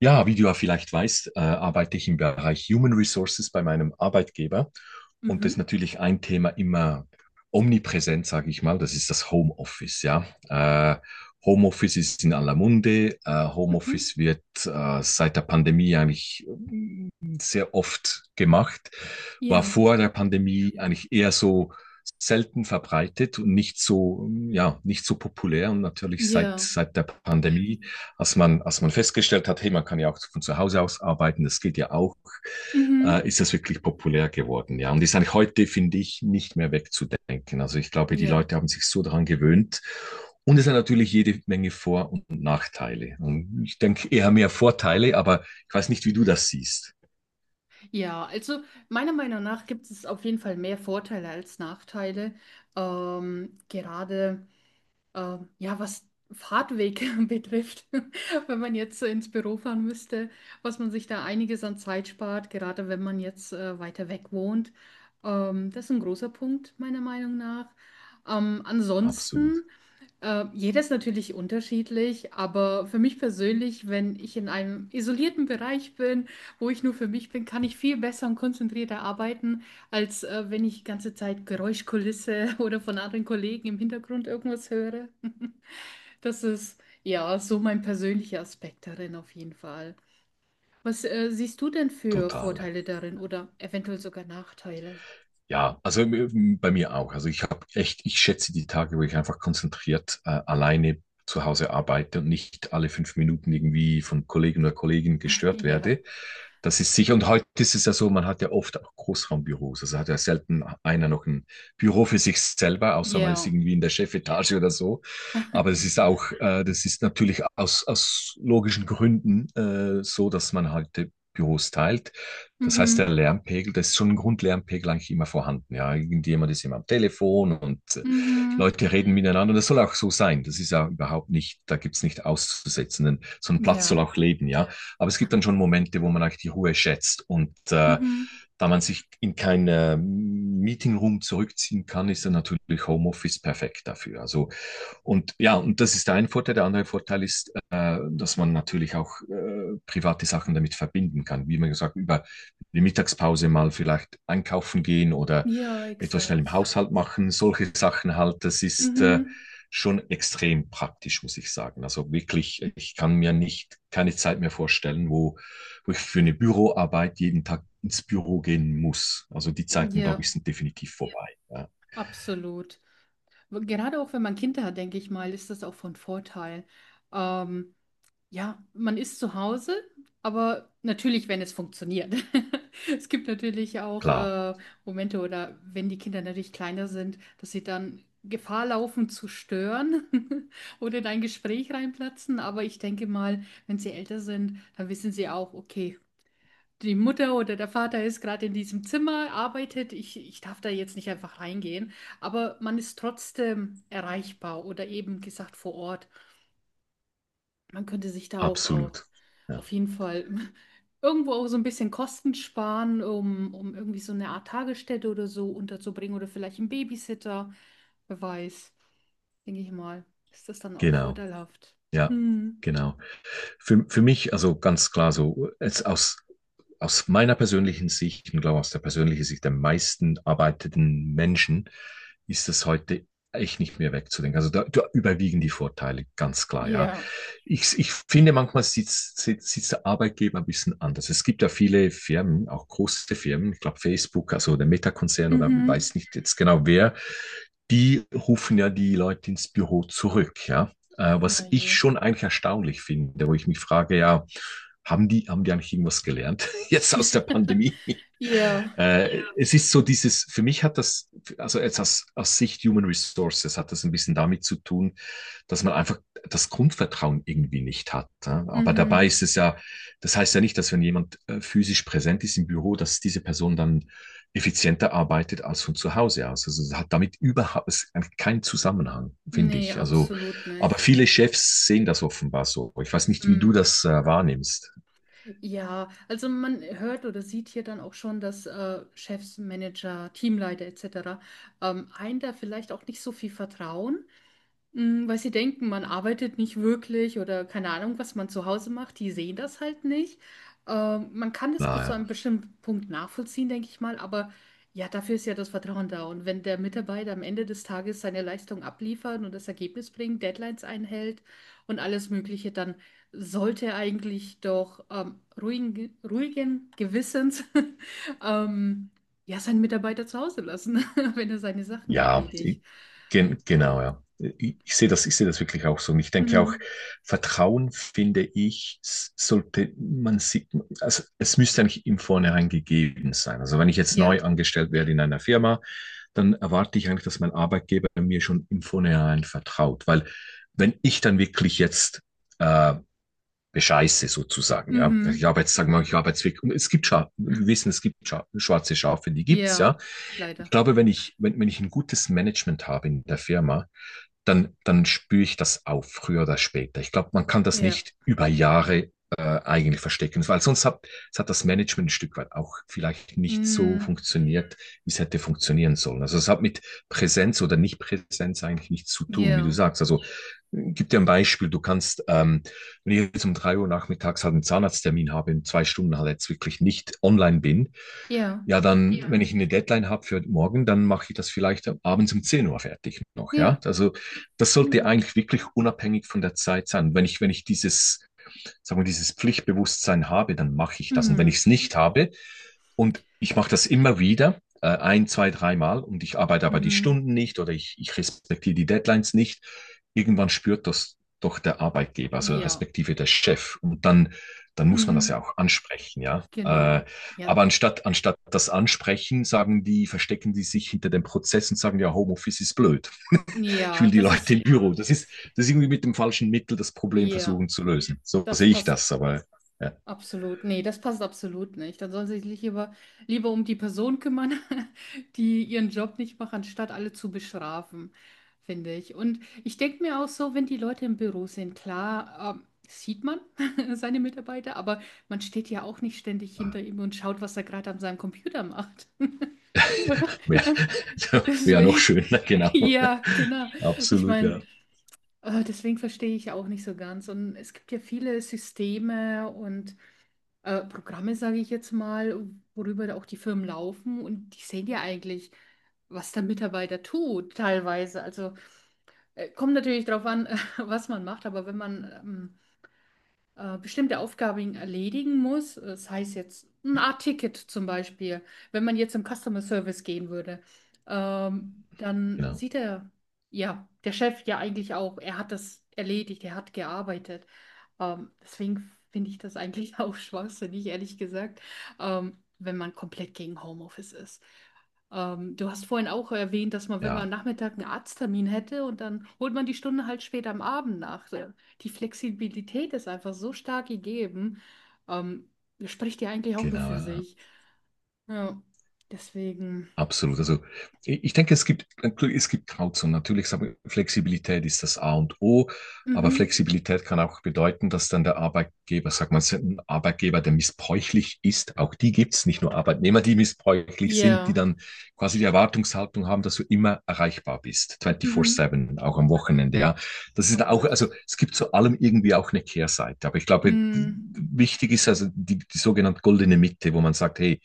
Ja, wie du ja vielleicht weißt, arbeite ich im Bereich Human Resources bei meinem Arbeitgeber. Und das ist Mhm, natürlich ein Thema immer omnipräsent, sage ich mal. Das ist das Homeoffice, ja. Äh, Homeoffice ist in aller Munde. Mhm. Homeoffice wird seit der Pandemie eigentlich sehr oft gemacht. War Ja, vor der Pandemie eigentlich eher so selten verbreitet und nicht so, ja, nicht so populär. Und natürlich seit, ja, seit der Pandemie, als man festgestellt hat, hey, man kann ja auch von zu Hause aus arbeiten, das geht ja auch, mhm, ist das wirklich populär geworden. Ja, und ist eigentlich heute, finde ich, nicht mehr wegzudenken. Also ich glaube, die ja, Leute haben sich so daran gewöhnt, und es hat natürlich jede Menge Vor- und Nachteile. Und ich denke eher mehr Vorteile, aber ich weiß nicht, wie du das siehst. ja. Also meiner Meinung nach gibt es auf jeden Fall mehr Vorteile als Nachteile. Gerade ja, was Fahrtweg betrifft, wenn man jetzt ins Büro fahren müsste, was man sich da einiges an Zeit spart, gerade wenn man jetzt weiter weg wohnt. Das ist ein großer Punkt meiner Meinung nach. Ähm, Absolut, ansonsten Äh, jeder ist natürlich unterschiedlich, aber für mich persönlich, wenn ich in einem isolierten Bereich bin, wo ich nur für mich bin, kann ich viel besser und konzentrierter arbeiten, als wenn ich die ganze Zeit Geräuschkulisse oder von anderen Kollegen im Hintergrund irgendwas höre. Das ist ja so mein persönlicher Aspekt darin auf jeden Fall. Was siehst du denn für total, ja. Vorteile darin oder eventuell sogar Nachteile? Ja, also bei mir auch. Also ich habe echt, ich schätze die Tage, wo ich einfach konzentriert alleine zu Hause arbeite und nicht alle 5 Minuten irgendwie von Kollegen oder Kolleginnen gestört werde. Das ist sicher. Und heute ist es ja so, man hat ja oft auch Großraumbüros. Also hat ja selten einer noch ein Büro für sich selber, außer Ja, man ist ja, irgendwie in der Chefetage oder so. Aber es ist auch, das ist natürlich aus logischen Gründen so, dass man halt Büros teilt. Das heißt, der mhm, Lärmpegel, das ist schon ein Grundlärmpegel eigentlich immer vorhanden. Ja, irgendjemand ist immer am Telefon und mhm, Leute reden miteinander. Und das soll auch so sein. Das ist ja überhaupt nicht, da gibt's nicht auszusetzen. Denn so ein Platz soll ja, auch leben, ja. Aber es gibt dann schon Momente, wo man eigentlich die Ruhe schätzt. Und mhm. da man sich in keinen Meetingroom zurückziehen kann, ist dann natürlich Homeoffice perfekt dafür. Also, und ja, und das ist der eine Vorteil. Der andere Vorteil ist, dass man natürlich auch private Sachen damit verbinden kann. Wie man gesagt, über die Mittagspause mal vielleicht einkaufen gehen oder Ja, etwas schnell im exakt. Haushalt machen, solche Sachen halt, das ist Mhm. schon extrem praktisch, muss ich sagen. Also wirklich, ich kann mir nicht keine Zeit mehr vorstellen, wo ich für eine Büroarbeit jeden Tag ins Büro gehen muss. Also die Zeiten, glaube Ja, ich, sind definitiv vorbei. Ja, absolut. Gerade auch wenn man Kinder hat, denke ich mal, ist das auch von Vorteil. Ähm, ja, man ist zu Hause, aber natürlich, wenn es funktioniert. Es gibt natürlich auch klar, Momente oder wenn die Kinder natürlich kleiner sind, dass sie dann Gefahr laufen zu stören oder in ein Gespräch reinplatzen. Aber ich denke mal, wenn sie älter sind, dann wissen sie auch, okay, die Mutter oder der Vater ist gerade in diesem Zimmer, arbeitet, ich darf da jetzt nicht einfach reingehen, aber man ist trotzdem erreichbar oder eben gesagt vor Ort. Man könnte sich da auch absolut. Ja, auf jeden Fall irgendwo auch so ein bisschen Kosten sparen, um irgendwie so eine Art Tagesstätte oder so unterzubringen oder vielleicht einen Babysitter, wer weiß, denke ich mal, ist das dann auch genau. vorteilhaft. Ja, Hm. genau. Für mich, also ganz klar so, jetzt aus meiner persönlichen Sicht und glaube aus der persönlichen Sicht der meisten arbeitenden Menschen ist das heute echt nicht mehr wegzudenken. Also da überwiegen die Vorteile, ganz klar, ja. Ja. Ich finde, manchmal sieht der Arbeitgeber ein bisschen anders. Es gibt ja viele Firmen, auch große Firmen, ich glaube Facebook, also der Meta-Konzern oder Mhm. weiß nicht jetzt genau wer, die rufen ja die Leute ins Büro zurück, ja. Na Was ich je. schon eigentlich erstaunlich finde, wo ich mich frage, ja, haben die eigentlich irgendwas gelernt jetzt aus der Pandemie? Ja. Ja. Es ist so dieses, für mich hat das, also jetzt aus Sicht Human Resources hat das ein bisschen damit zu tun, dass man einfach das Grundvertrauen irgendwie nicht hat. Ja. Aber dabei Mhm. ist es ja, das heißt ja nicht, dass, wenn jemand physisch präsent ist im Büro, dass diese Person dann effizienter arbeitet als von zu Hause aus. Also es hat damit überhaupt es keinen Zusammenhang, finde Nee, ich. Also, absolut aber nicht. viele Chefs sehen das offenbar so. Ich weiß nicht, wie du Mm, das wahrnimmst. ja, also man hört oder sieht hier dann auch schon, dass Chefs, Manager, Teamleiter etc. Einen da vielleicht auch nicht so viel vertrauen. Mm, weil sie denken, man arbeitet nicht wirklich oder keine Ahnung, was man zu Hause macht. Die sehen das halt nicht. Man kann das Na, bis ja. zu einem bestimmten Punkt nachvollziehen, denke ich mal. Aber ja, dafür ist ja das Vertrauen da. Und wenn der Mitarbeiter am Ende des Tages seine Leistung abliefert und das Ergebnis bringt, Deadlines einhält und alles Mögliche, dann sollte er eigentlich doch ruhigen Gewissens ähm, ja, seinen Mitarbeiter zu Hause lassen, wenn er seine Sachen Ja, erledigt. Genau, Ähm, ja. Ich sehe das wirklich auch so. Und ich denke auch, hm. Vertrauen, finde ich, sollte man sieht, also es müsste eigentlich im Vornherein gegeben sein. Also wenn ich jetzt neu Ja. angestellt werde in einer Firma, dann erwarte ich eigentlich, dass mein Arbeitgeber mir schon im Vornherein vertraut. Weil wenn ich dann wirklich jetzt äh, bescheiße sozusagen, ja, ich Mhm. habe jetzt, sagen wir mal, ich habe jetzt wirklich, es gibt, Scha wir wissen, es gibt Scha schwarze Schafe, die gibt's, ja. Ja. Ich Leider. glaube, wenn ich ein gutes Management habe in der Firma, dann spüre ich das auf, früher oder später. Ich glaube, man kann das Ja. nicht über Jahre eigentlich verstecken, weil sonst hat das Management ein Stück weit auch vielleicht nicht so Mhm. funktioniert, wie es hätte funktionieren sollen. Also es hat mit Präsenz oder Nicht-Präsenz eigentlich nichts zu tun, wie du Ja. sagst. Also gib dir ein Beispiel, du kannst, wenn ich jetzt um 3 Uhr nachmittags halt einen Zahnarzttermin habe, in 2 Stunden halt jetzt wirklich nicht online bin, Ja. ja, dann, ja, wenn ich eine Deadline habe für morgen, dann mache ich das vielleicht abends um 10 Uhr fertig noch, ja. Ja. Also das Genau. sollte eigentlich wirklich unabhängig von der Zeit sein. Wenn ich dieses, sagen wir, dieses Pflichtbewusstsein habe, dann mache ich das. Und wenn ich Mhm. es nicht habe, und ich mache das immer wieder, ein, zwei, dreimal, und ich arbeite aber die Mhm. Stunden nicht oder ich respektiere die Deadlines nicht, irgendwann spürt das doch der Arbeitgeber, also Ja. respektive der Chef. Und dann muss man das Mhm. ja auch ansprechen, ja. Genau. Ja. Aber anstatt das Ansprechen, sagen die, verstecken die sich hinter dem Prozess und sagen, ja, Homeoffice ist blöd, ich Ja, will die das Leute ist. im Büro. Das ist irgendwie mit dem falschen Mittel das Problem Ja. versuchen zu lösen. So Das sehe ich passt. das, aber ja, Absolut, nee, das passt absolut nicht. Dann sollen sie sich lieber um die Person kümmern, die ihren Job nicht macht, anstatt alle zu bestrafen, finde ich. Und ich denke mir auch so, wenn die Leute im Büro sind, klar, sieht man seine Mitarbeiter, aber man steht ja auch nicht ständig hinter ihm und schaut, was er gerade an seinem Computer macht. wäre wär noch Deswegen, schöner, genau. ja, genau. Ich Absolut, ja. meine, deswegen verstehe ich auch nicht so ganz. Und es gibt ja viele Systeme und Programme, sage ich jetzt mal, worüber da auch die Firmen laufen und die sehen ja eigentlich, was der Mitarbeiter tut, teilweise. Also kommt natürlich darauf an, was man macht, aber wenn man bestimmte Aufgaben erledigen muss. Das heißt jetzt ein Art Ticket zum Beispiel, wenn man jetzt im Customer Service gehen würde, dann Genau, sieht er, ja, der Chef ja eigentlich auch, er hat das erledigt, er hat gearbeitet. Deswegen finde ich das eigentlich auch schwachsinnig, ehrlich gesagt, wenn man komplett gegen Homeoffice ist. Du hast vorhin auch erwähnt, dass man, wenn man am ja, Nachmittag einen Arzttermin hätte und dann holt man die Stunde halt später am Abend nach. So, die Flexibilität ist einfach so stark gegeben. Ähm, das spricht ja eigentlich auch nur genau. für Ja. sich. Ja, deswegen. Absolut. Also ich denke, es gibt Grauzonen. Natürlich, sagen wir, Flexibilität ist das A und O, aber Mhm. Flexibilität kann auch bedeuten, dass dann der Arbeitgeber, sag mal, ein Arbeitgeber, der missbräuchlich ist, auch die gibt es, nicht nur Arbeitnehmer, die missbräuchlich sind, die Ja. dann quasi die Erwartungshaltung haben, dass du immer erreichbar bist, Mhm. 24/7, auch am Wochenende. Ja, das Oh ist auch, Gott. also es gibt zu allem irgendwie auch eine Kehrseite. Aber ich glaube, Mhm. wichtig ist also die sogenannte goldene Mitte, wo man sagt, hey,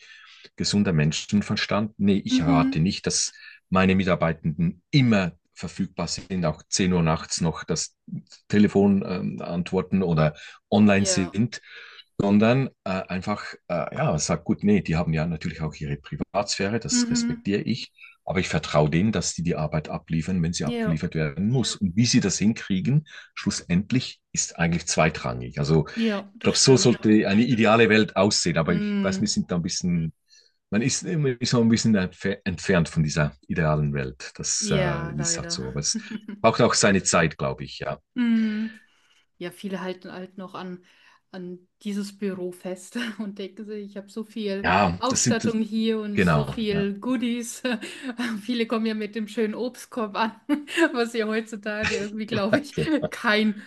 gesunder Menschenverstand. Nee, ich erwarte Mhm. nicht, dass meine Mitarbeitenden immer verfügbar sind, auch 10 Uhr nachts noch das Telefon antworten oder online Ja. sind, sondern einfach, ja, sagt gut, nee, die haben ja natürlich auch ihre Privatsphäre, das Mhm. respektiere ich, aber ich vertraue denen, dass die die Arbeit abliefern, wenn sie Ja. abgeliefert werden muss. Und wie sie das hinkriegen, schlussendlich ist eigentlich zweitrangig. Also Ja, ich das glaube, so stimmt. sollte eine ideale Welt aussehen, aber ich weiß, wir Mhm. sind da ein bisschen, man ist immer so ein bisschen entfernt von dieser idealen Welt. Das Ja, ist halt leider. so. Aber es braucht auch seine Zeit, glaube ich, ja. Mhm. Ja, viele halten halt noch an, an dieses Büro fest und denken sich, ich habe so viel Ja, das sind, Ausstattung hier und so genau. Ja. viel Goodies. Viele kommen ja mit dem schönen Obstkorb an, was ja heutzutage irgendwie, glaube ich, Okay. kein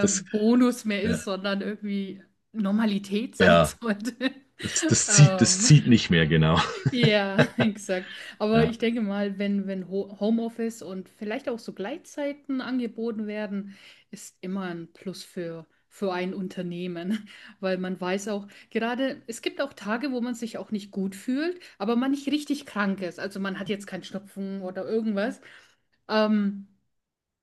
Das, Bonus mehr ist, ja, sondern irgendwie Normalität sein ja sollte. das, das zieht, das Ähm, zieht nicht mehr, genau. ja, exakt. Aber Ja, ich denke mal, wenn, wenn Homeoffice und vielleicht auch so Gleitzeiten angeboten werden, ist immer ein Plus für ein Unternehmen, weil man weiß auch, gerade es gibt auch Tage, wo man sich auch nicht gut fühlt, aber man nicht richtig krank ist. Also man hat jetzt keinen Schnupfen oder irgendwas. Ähm,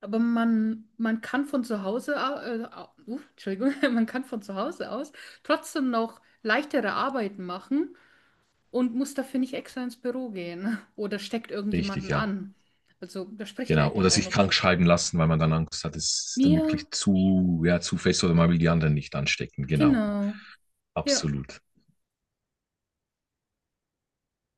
aber man kann von zu Hause, Entschuldigung, man kann von zu Hause aus trotzdem noch leichtere Arbeiten machen und muss dafür nicht extra ins Büro gehen oder steckt richtig, irgendjemanden ja. an. Also, das spricht ja Genau. eigentlich Oder auch sich nur für krank sich. schreiben lassen, weil man dann Angst hat, es ist dann Ja, wirklich zu, ja, zu fest, oder man will die anderen nicht anstecken. Genau. genau. Ja. Absolut.